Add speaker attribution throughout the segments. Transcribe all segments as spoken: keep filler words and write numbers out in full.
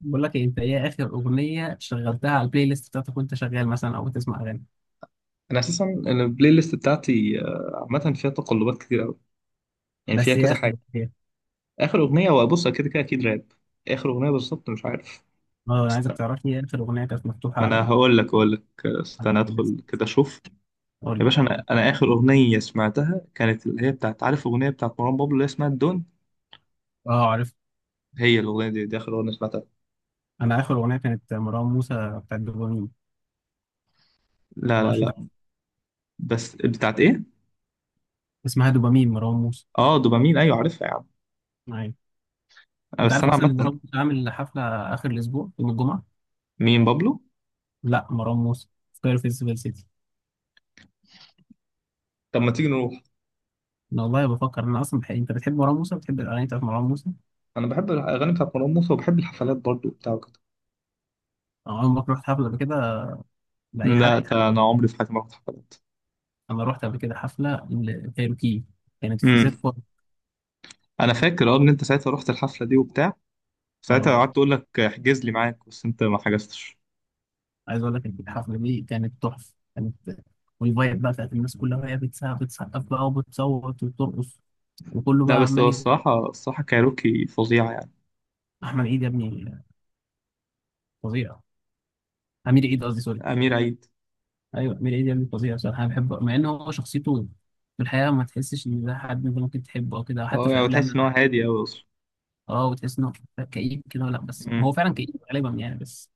Speaker 1: بقول لك إيه، انت ايه اخر اغنيه شغلتها على البلاي ليست بتاعتك وانت شغال مثلا او بتسمع اغاني؟
Speaker 2: انا اساسا البلاي ليست بتاعتي آه، عامه فيها تقلبات كتير قوي. يعني فيها
Speaker 1: بس ايه
Speaker 2: كذا
Speaker 1: اخر
Speaker 2: حاجه.
Speaker 1: اغنيه؟
Speaker 2: اخر اغنيه وابص كده كده اكيد راب. اخر اغنيه بالظبط مش عارف.
Speaker 1: اه انا عايزك
Speaker 2: استنى.
Speaker 1: تعرف لي إيه اخر اغنيه كانت مفتوحه
Speaker 2: ما
Speaker 1: على
Speaker 2: انا
Speaker 1: ال-
Speaker 2: هقول لك هقول لك آه،
Speaker 1: على
Speaker 2: استنى
Speaker 1: البلاي ليست.
Speaker 2: ادخل كده اشوف.
Speaker 1: قول
Speaker 2: يا
Speaker 1: لي.
Speaker 2: باشا انا انا اخر اغنيه سمعتها كانت اللي هي بتاعت، عارف، اغنيه بتاعت مروان بابلو اللي هي اسمها الدون.
Speaker 1: اه عارف.
Speaker 2: هي الاغنيه دي، دي اخر اغنيه سمعتها.
Speaker 1: انا اخر اغنيه كانت مروان موسى بتاعت دوبامين.
Speaker 2: لا
Speaker 1: ما
Speaker 2: لا
Speaker 1: اعرفش انت عارف.
Speaker 2: لا. بس بتاعت ايه؟
Speaker 1: اسمها دوبامين مروان موسى.
Speaker 2: اه دوبامين، ايوه عارفها يا عم.
Speaker 1: ايوه،
Speaker 2: آه،
Speaker 1: انت
Speaker 2: بس
Speaker 1: عارف
Speaker 2: انا
Speaker 1: اصلا
Speaker 2: عامه.
Speaker 1: ان مروان موسى عامل حفله اخر الاسبوع يوم الجمعه؟
Speaker 2: مين بابلو؟
Speaker 1: لا، مروان موسى في كايرو فيستيفال سيتي.
Speaker 2: طب ما تيجي نروح.
Speaker 1: انا والله بفكر انا اصلا بحق. انت بتحب مروان موسى؟ بتحب الاغاني بتاعت مروان موسى؟
Speaker 2: انا بحب الاغاني بتاعت مروان موسى وبحب الحفلات برضو بتاعته.
Speaker 1: انا عمرك رحت حفله قبل كده لاي
Speaker 2: لا،
Speaker 1: حد؟
Speaker 2: ده انا عمري في حياتي ما رحت حفلات.
Speaker 1: انا رحت قبل كده حفله لكايروكي، كانت في زيت
Speaker 2: امم
Speaker 1: بوت.
Speaker 2: انا فاكر اه ان انت ساعتها رحت الحفله دي وبتاع. ساعتها
Speaker 1: اه،
Speaker 2: قعدت تقول لك احجز لي معاك بس انت ما حجزتش.
Speaker 1: عايز اقول لك إن الحفله دي كانت تحفه، كانت والفايب بقى بتاعت الناس كلها وهي بتسقف بتسقف بقى وبتصوت وبترقص وكله
Speaker 2: لا
Speaker 1: بقى
Speaker 2: بس هو
Speaker 1: عمال يجري.
Speaker 2: الصراحه الصراحه كايروكي فظيعه يعني.
Speaker 1: احمد عيد يا ابني فظيع. امير عيد قصدي، سوري.
Speaker 2: امير عيد.
Speaker 1: ايوه امير عيد يا ابني، فظيع بصراحه. انا بحبه مع ان هو شخصيته في الحقيقه ما تحسش ان ده حد انت ممكن تحبه او كده، حتى
Speaker 2: اه
Speaker 1: في
Speaker 2: يعني تحس
Speaker 1: الافلام.
Speaker 2: ان هو هادي قوي اصلا.
Speaker 1: اه، وتحس انه كئيب كده. لا بس هو
Speaker 2: امم
Speaker 1: فعلا كئيب غالبا يعني. بس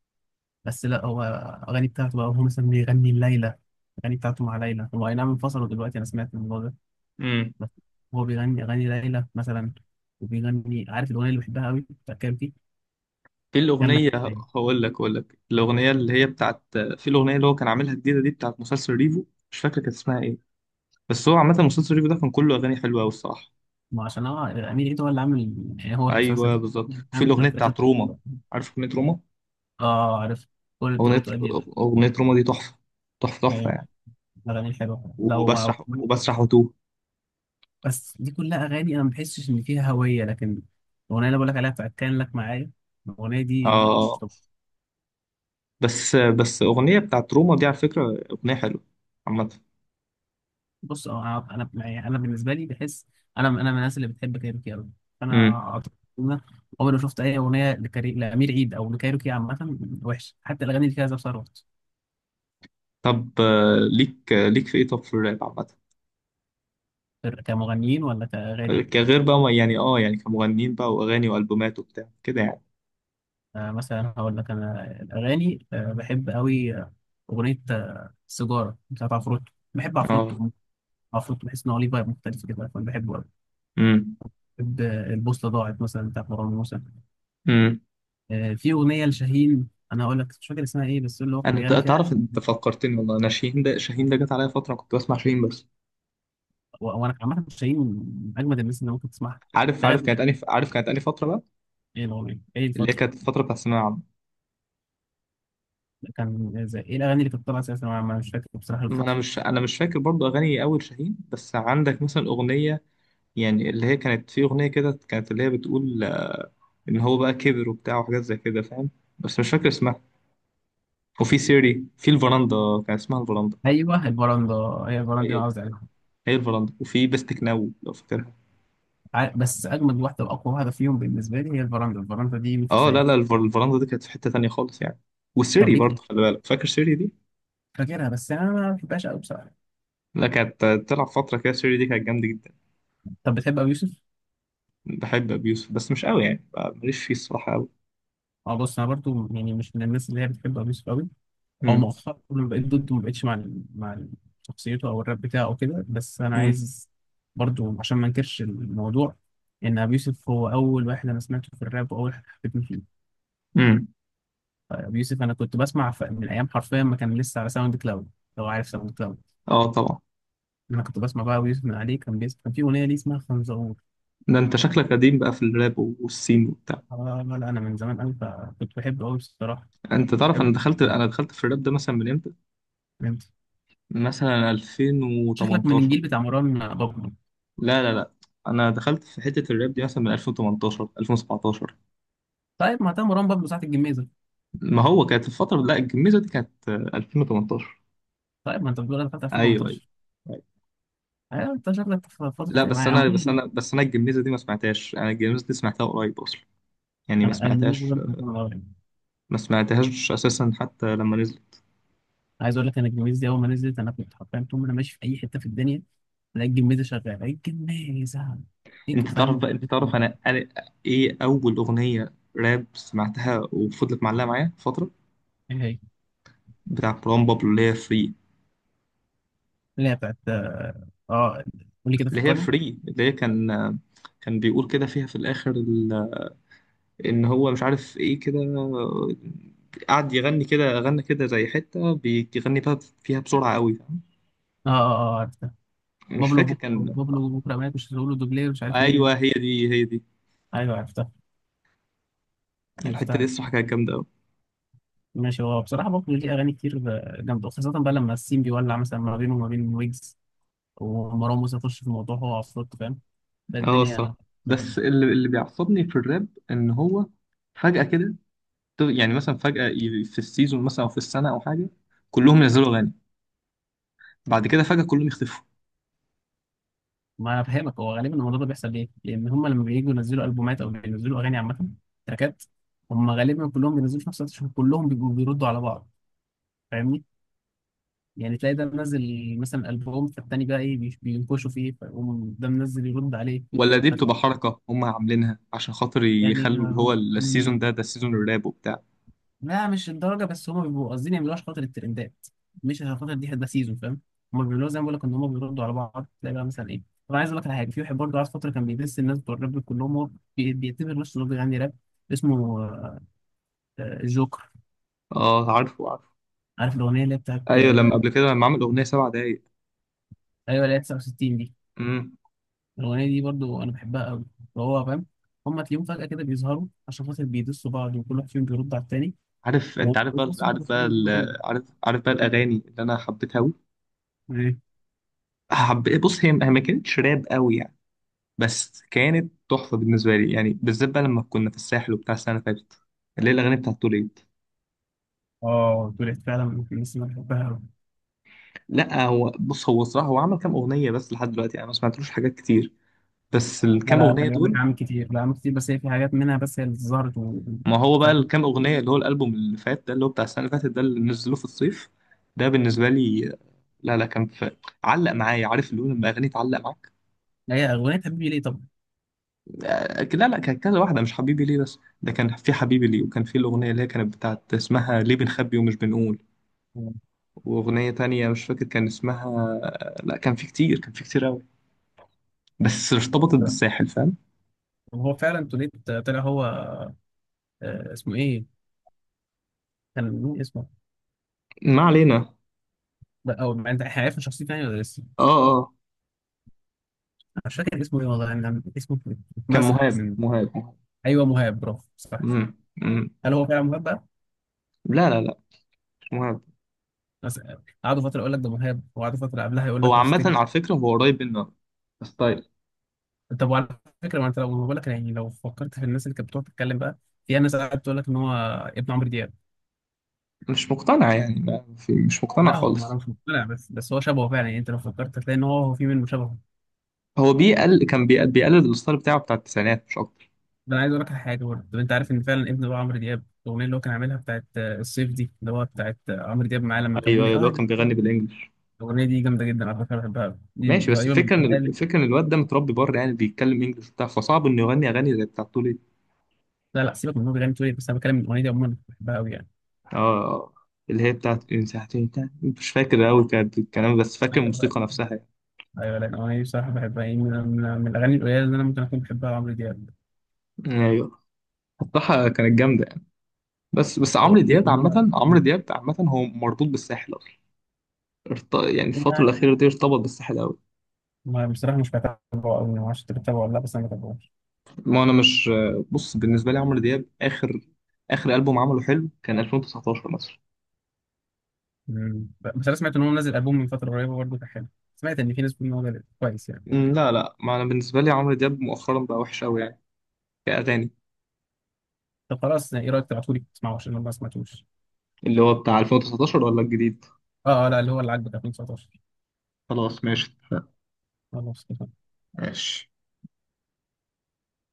Speaker 1: بس لا هو اغاني بتاعته بقى، هو مثلا بيغني ليلى. اغاني بتاعته مع ليلى، هو اي نعم انفصلوا دلوقتي، انا سمعت الموضوع ده.
Speaker 2: امم
Speaker 1: بس هو بيغني اغاني ليلى مثلا، وبيغني عارف الاغنيه اللي بحبها قوي بتاع كارتي؟
Speaker 2: في
Speaker 1: كان لك
Speaker 2: الاغنيه،
Speaker 1: يعني.
Speaker 2: هقول لك هقول لك الاغنيه اللي هي بتاعت، في الاغنيه اللي هو كان عاملها جديده دي بتاعت مسلسل ريفو، مش فاكر كانت اسمها ايه. بس هو عامه مسلسل ريفو ده كان كله اغاني حلوه قوي الصراحه.
Speaker 1: ما عشان هو امير عيد هو اللي عامل، يعني هو في مسلسل
Speaker 2: ايوه بالظبط، وفي
Speaker 1: عامل كل
Speaker 2: الاغنيه
Speaker 1: التراكات.
Speaker 2: بتاعت روما، عارف اغنيه روما؟
Speaker 1: اه عارف، كل الطرق
Speaker 2: أغنية،
Speaker 1: تؤدي.
Speaker 2: أغنية روما دي تحفة. تحفة تحفة
Speaker 1: ايوه
Speaker 2: يعني.
Speaker 1: الاغاني الحلوه لو.
Speaker 2: وبسرح وبسرح وتوه.
Speaker 1: بس دي كلها اغاني انا ما بحسش ان فيها هويه، لكن الاغنيه اللي بقول لك عليها بتاعت كان لك معايا، الاغنيه دي مش
Speaker 2: آه،
Speaker 1: طبيعية.
Speaker 2: بس بس أغنية بتاعت روما دي على فكرة أغنية حلوة عامة.
Speaker 1: بص، اه، انا يعني انا بالنسبه لي بحس انا انا من الناس اللي بتحب كايروكي قوي. انا
Speaker 2: امم
Speaker 1: اعتقد إن أنا عمري ما شفت اي اغنيه لكري... لامير عيد او لكايروكي عامه وحشه، حتى الاغاني اللي فيها زاب ثروت.
Speaker 2: طب آه، ليك، آه، ليك في إيه، طب في الراب عامة؟
Speaker 1: كمغنيين ولا
Speaker 2: آه،
Speaker 1: كاغاني؟
Speaker 2: كغير بقى، ما- يعني آه يعني كمغنيين بقى وأغاني وألبومات وبتاع كده يعني.
Speaker 1: آه مثلا هقول لك انا الاغاني آه بحب قوي، آه، اغنيه آه، سيجاره بتاعت عفروتو. بحب
Speaker 2: آه.
Speaker 1: عفروتو، عفروتو بحس ان هو ليه فايب مختلف كده، فانا بحبه قوي.
Speaker 2: امم
Speaker 1: بحب آه، البوصله ضاعت مثلا بتاعت مروان موسى.
Speaker 2: امم
Speaker 1: آه في اغنيه لشاهين انا هقول لك، مش فاكر اسمها ايه، بس اللي هو كان
Speaker 2: أنا ت-
Speaker 1: بيغني فيها.
Speaker 2: تعرف أنت فكرتني والله. أنا شاهين ده شاهين ده جت عليا فترة كنت بسمع شاهين بس.
Speaker 1: و- وانا عامه شيرين من اجمد الناس اللي ممكن تسمعها.
Speaker 2: عارف،
Speaker 1: لغايه
Speaker 2: عارف
Speaker 1: دل-
Speaker 2: كانت أني، عارف كانت أني فترة بقى
Speaker 1: ايه الاغنيه؟ ايه
Speaker 2: اللي هي
Speaker 1: الفتره؟
Speaker 2: كانت الفترة بتاعت الثانوية العامة.
Speaker 1: كان زي ايه الاغاني اللي كانت طالعه اساسا؟ انا ما- مش فاكر بصراحه
Speaker 2: ما انا
Speaker 1: الفتره.
Speaker 2: مش انا مش فاكر برضو اغاني اول شاهين. بس عندك مثلا اغنيه يعني اللي هي كانت، في اغنيه كده كانت اللي هي بتقول آه، ان هو بقى كبر وبتاع وحاجات زي كده فاهم. بس مش فاكر اسمها. وفي سيري، في الفراندا، كان اسمها الفراندا.
Speaker 1: ايوه البراندا، هي البراندا اللي
Speaker 2: هي
Speaker 1: انا قصدي عليها.
Speaker 2: هي الفراندا، وفي بستك ناو لو فاكرها.
Speaker 1: ع- بس اجمد واحده واقوى واحده فيهم بالنسبه لي هي البراندا. البراندا دي مفيش
Speaker 2: اه لا
Speaker 1: زيها.
Speaker 2: لا، الفر- الفراندا دي كانت في حته تانية خالص يعني.
Speaker 1: طب
Speaker 2: وسيري
Speaker 1: ليه كده؟
Speaker 2: برضو خلي بالك، فاكر سيري دي؟
Speaker 1: فاكرها بس انا ما بحبهاش قوي بصراحه.
Speaker 2: لا كانت آه، تلعب فتره كده، سيري دي كانت جامده جدا.
Speaker 1: طب بتحب ابو يوسف؟
Speaker 2: بحب ابي يوسف بس مش قوي يعني، آه، ماليش فيه الصراحه قوي.
Speaker 1: اه بص، انا برضو يعني مش من الناس اللي هي بتحب ابو يوسف قوي، او
Speaker 2: امم
Speaker 1: مؤخرا بقيت ضده. ما بقتش مع ال- مع ال- شخصيته او الراب بتاعه وكده. بس انا
Speaker 2: امم
Speaker 1: عايز برضو عشان ما انكرش الموضوع، ان ابي يوسف هو اول واحد انا سمعته في الراب واول واحد حبيتني فيه.
Speaker 2: امم
Speaker 1: ابي يوسف انا كنت بسمع ف- من ايام حرفيا ما كان لسه على ساوند كلاود، لو عارف ساوند كلاود.
Speaker 2: اه طبعا.
Speaker 1: انا كنت بسمع بقى ابي يوسف من عليه كان بيس، كان في اغنيه ليه اسمها خنزور.
Speaker 2: ده انت شكلك قديم بقى في الراب والسين وبتاع.
Speaker 1: آه، لا لا انا من زمان قوي، فكنت بحبه قوي بصراحه.
Speaker 2: انت تعرف،
Speaker 1: بحبه،
Speaker 2: انا دخلت انا دخلت في الراب ده مثلا من امتى؟
Speaker 1: فهمت.
Speaker 2: مثلا
Speaker 1: شكلك من
Speaker 2: ألفين وتمنتاشر.
Speaker 1: الجيل بتاع مروان بابلو.
Speaker 2: لا لا لا، انا دخلت في حتة الراب دي مثلا من ألفين وتمنتاشر، ألفين وسبعتاشر.
Speaker 1: طيب ما ده مروان بابلو ساعه الجميزه.
Speaker 2: ما هو كانت الفترة، لا الجميزة دي كانت آه، ألفين وتمنتاشر.
Speaker 1: طيب ما انت بتقول انا دخلت
Speaker 2: ايوه ايوه.
Speaker 1: ألفين وتمنتاشر.
Speaker 2: أيوة.
Speaker 1: أيوة، انت شكلك في فترة
Speaker 2: لا
Speaker 1: ايه يا
Speaker 2: بس
Speaker 1: عم؟
Speaker 2: انا بس انا بس انا الجميزة دي ما سمعتهاش. انا الجميزة دي سمعتها قريب اصلا يعني، ما
Speaker 1: انا الجميز
Speaker 2: سمعتهاش.
Speaker 1: ده كنت من الأول.
Speaker 2: ما سمعتهاش اساسا حتى لما نزل.
Speaker 1: عايز اقول لك انا الجميز دي اول ما نزلت، انا كنت حرفيا طول ما انا ماشي في اي حتة في الدنيا الاقي الجميزة شغالة، الاقي الجميزة. هيك،
Speaker 2: انت تعرف
Speaker 1: فاهم
Speaker 2: بقى، انت
Speaker 1: الفكرة
Speaker 2: تعرف
Speaker 1: دي؟
Speaker 2: انا انا ايه اول اغنيه راب سمعتها وفضلت معلقه معايا فتره؟
Speaker 1: ايه هي؟
Speaker 2: بتاع مروان بابلو اللي هي فري.
Speaker 1: اللي هي بتاعت اه، آه، قول لي كده،
Speaker 2: اللي هي
Speaker 1: فكرني.
Speaker 2: فري اللي هي كان كان بيقول كده فيها في الاخر ال- ان هو مش عارف ايه كده. قعد يغني كده، غنى كده زي حته بيغني بقى فيها بسرعه قوي فاهم؟
Speaker 1: اه اه اه، عرفتها.
Speaker 2: مش
Speaker 1: بابلو
Speaker 2: فاكر
Speaker 1: بكره،
Speaker 2: كان.
Speaker 1: بابلو بكره مات، مش هتقول له دوبلير مش عارف ايه.
Speaker 2: ايوه هي دي هي دي.
Speaker 1: ايوه عرفتها.
Speaker 2: الحته دي
Speaker 1: عرفتها.
Speaker 2: الصراحه كانت جامده قوي.
Speaker 1: ماشي. هو بصراحة بابلو ليه اغاني كتير آه، جامدة، خاصة بقى لما السين بيولع مثلا ما بينه وما بين ويجز ومروان موسى يخش في الموضوع هو عفروت، فاهم؟ لا
Speaker 2: اه
Speaker 1: الدنيا.
Speaker 2: الصراحه. بس اللي اللي بيعصبني في الراب ان هو فجاه كده، يعني مثلا فجأة ي- في السيزون مثلا أو في السنة أو حاجة كلهم ينزلوا أغاني. بعد كده فجأة كلهم يختفوا.
Speaker 1: ما انا فاهمك، هو غالبا الموضوع ده بيحصل ليه؟ لان هم لما بييجوا ينزلوا البومات او بينزلوا اغاني عامه تراكات، هم غالبا كلهم بينزلوا في نفس الوقت عشان كلهم بيبقوا بيردوا على بعض، فاهمني؟ يعني تلاقي ده منزل مثلا البوم، فالتاني بقى ايه، بي- بينكشوا فيه، فيقوم ده منزل يرد عليه.
Speaker 2: ولا دي
Speaker 1: فت-
Speaker 2: بتبقى حركة هم عاملينها عشان خاطر
Speaker 1: يعني
Speaker 2: يخلوا اللي هو
Speaker 1: هم
Speaker 2: ال- السيزون ده، ده السيزون الراب وبتاع؟
Speaker 1: لا مش الدرجه، بس هم بيبقوا قاصدين يعملوها عشان خاطر الترندات، مش عشان خاطر دي هتبقى سيزون، فاهم؟ هم بيعملوها زي ما بقول لك، ان هم بيردوا على بعض، تلاقي بقى مثلا ايه. طب عايز اقول لك على حاجه، في واحد برضه قعد فتره كان بيدس الناس بتوع الراب كلهم، هو بي- بيعتبر نفسه انه بيغني راب. اسمه آه، آه، الجوكر.
Speaker 2: اه عارفه عارفه.
Speaker 1: عارف الاغنيه اللي هي بتاعت
Speaker 2: ايوه لما
Speaker 1: آه،
Speaker 2: قبل كده لما عمل أغنية سبع دقايق.
Speaker 1: ايوه اللي هي تسعة وستين دي؟
Speaker 2: امم
Speaker 1: الاغنيه دي برضه انا بحبها قوي. فهو فاهم. هم تلاقيهم فجاه كده بيظهروا عشان خاطر بيدسوا بعض وكل واحد فيهم بيرد على التاني،
Speaker 2: عارف، انت
Speaker 1: وفي
Speaker 2: عارف بقى،
Speaker 1: نفس
Speaker 2: عارف
Speaker 1: الوقت
Speaker 2: بقى
Speaker 1: بيعملوا إن هما تاني.
Speaker 2: ال- عارف، عارف بقى الأغاني اللي أنا حبيتها أوي.
Speaker 1: ايه؟
Speaker 2: حب، بص هي هي ما كانتش راب أوي يعني، بس كانت تحفة بالنسبة لي يعني، بالذات بقى لما كنا في الساحل وبتاع السنة اللي فاتت اللي هي الأغاني بتاعت توليد.
Speaker 1: اه، طلعت فعلا من الناس اللي انا بحبها.
Speaker 2: لا هو بص، هو صراحة هو عمل كام أغنية بس لحد دلوقتي يعني، أنا ما سمعتلوش حاجات كتير بس
Speaker 1: لا
Speaker 2: الكام
Speaker 1: لا،
Speaker 2: أغنية
Speaker 1: خلي بالك
Speaker 2: دول.
Speaker 1: عامل كتير. لا عامل كتير، بس هي في حاجات منها بس هي اللي ظهرت و...
Speaker 2: ما هو بقى
Speaker 1: فاهم.
Speaker 2: الكام أغنية اللي هو الألبوم اللي فات ده اللي هو بتاع السنة اللي فاتت ده اللي نزلوه في الصيف ده بالنسبة لي. لا لا، كان في، علق معايا عارف اللي هو لما أغنية تعلق معاك.
Speaker 1: هي أغنية حبيبي ليه طبعا.
Speaker 2: آه، لا لا كان كذا واحدة مش حبيبي ليه. بس ده كان في حبيبي ليه، وكان في الأغنية اللي هي كانت بتاعت اسمها ليه بنخبي ومش بنقول، وأغنية تانية مش فاكر كان اسمها. لا كان في كتير، كان في كتير أوي، بس ارتبطت بالساحل فاهم.
Speaker 1: وهو فعلا توليت طلع هو، آه، اسمه ايه؟ كان مين اسمه؟
Speaker 2: ما علينا.
Speaker 1: لا، او ما انت احنا عرفنا شخصيته يعني ولا لسه؟
Speaker 2: اه اه.
Speaker 1: مش فاكر اسمه ايه والله، يعني اسمه
Speaker 2: كان
Speaker 1: اتمسح
Speaker 2: مهاب
Speaker 1: من.
Speaker 2: مهاب مهاب.
Speaker 1: ايوه مهاب، برافو، صح.
Speaker 2: مم. مم.
Speaker 1: هل هو فعلا مهاب بقى؟
Speaker 2: لا لا لا، مش مهاب.
Speaker 1: بس آه، قعدوا فتره يقول لك ده مهاب، وقعدوا فتره قبلها يقول
Speaker 2: هو
Speaker 1: لك لو
Speaker 2: عامة
Speaker 1: تفتكر.
Speaker 2: على فكرة هو قريب منه ستايل.
Speaker 1: طب وعلى فكره، ما انت لو بقول لك يعني لو فكرت في الناس اللي كانت بتقعد تتكلم بقى، في ناس قاعده تقول لك ان هو ابن عمرو دياب.
Speaker 2: مش مقتنع يعني، ما في مش مقتنع
Speaker 1: لا هو ما انا
Speaker 2: خالص.
Speaker 1: مش مقتنع، بس بس هو شبهه فعلا يعني، انت لو فكرت هتلاقي ان هو هو في منه شبهه.
Speaker 2: هو بيقل كان بيقل بيقلد الستايل بتاعه بتاع التسعينات مش اكتر.
Speaker 1: ده انا عايز اقول لك على حاجه برضه. طب انت عارف ان فعلا ابن بقى عمرو دياب، الاغنيه اللي هو كان عاملها بتاعت آه، الصيف دي، اللي هو بتاعت آه، عمرو دياب معاه لما كان
Speaker 2: ايوه
Speaker 1: بيقول لي
Speaker 2: ايوه، اللي هو
Speaker 1: اه؟
Speaker 2: كان بيغني بالانجلش.
Speaker 1: الاغنيه دي جامده جدا على فكره، بحبها أوي. دي
Speaker 2: ماشي بس
Speaker 1: غريبه من
Speaker 2: الفكره، ان
Speaker 1: الحال.
Speaker 2: الفكره ان الواد ده متربي بره يعني بيتكلم انجلش وبتاع، فصعب انه يغني اغاني زي بتاعت تولي.
Speaker 1: لا لا، سيبك من إن هو بيغني تقول إيه، بس انا بتكلم من الاغنيه دي عموما، بحبها قوي يعني.
Speaker 2: اه آه. اللي هي بتاعت إن ساعتين تاني. مش فاكر قوي كانت الكلام بس فاكر
Speaker 1: ايوه
Speaker 2: الموسيقى نفسها.
Speaker 1: ايوه. لا الاغنيه دي بصراحه بحبها، يعني من, من من الاغاني القليله اللي انا ممكن اكون بحبها عمرو دياب.
Speaker 2: يعني ايوه الصراحه كانت جامده. بس بس
Speaker 1: أو
Speaker 2: عمرو
Speaker 1: دي
Speaker 2: دياب عامة، عمرو
Speaker 1: دي-
Speaker 2: دياب عامة هو مربوط بالساحل أصلا. ارت- يعني الفترة
Speaker 1: يعني،
Speaker 2: الأخيرة دي ارتبط بالساحل أوي.
Speaker 1: ما بصراحه مش بتابعه قوي، ما اعرفش انت بتتابعه ولا لا، بس انا بتابعه.
Speaker 2: ما أنا مش، بص بالنسبة لي عمرو دياب آخر، آخر ألبوم عمله حلو كان ألفين وتسعتاشر مثلا.
Speaker 1: مم. بس انا سمعت ان هو منزل البوم من فتره قريبه برضه كان حلو، سمعت ان في ناس بتقول ان هو جامد كويس يعني.
Speaker 2: أمم، لا لا، ما أنا بالنسبة لي عمرو دياب مؤخرا بقى وحش أوي يعني، كأغاني.
Speaker 1: طب خلاص، يعني ايه رايك تبعتولي تسمعه عشان انا ما سمعتوش؟
Speaker 2: اللي هو بتاع ألفين وتسعتاشر ولا الجديد؟
Speaker 1: اه اه، لا اللي هو اللي عاجبك ألفين وتسعتاشر.
Speaker 2: خلاص ماشي اتفقنا.
Speaker 1: خلاص.
Speaker 2: ماشي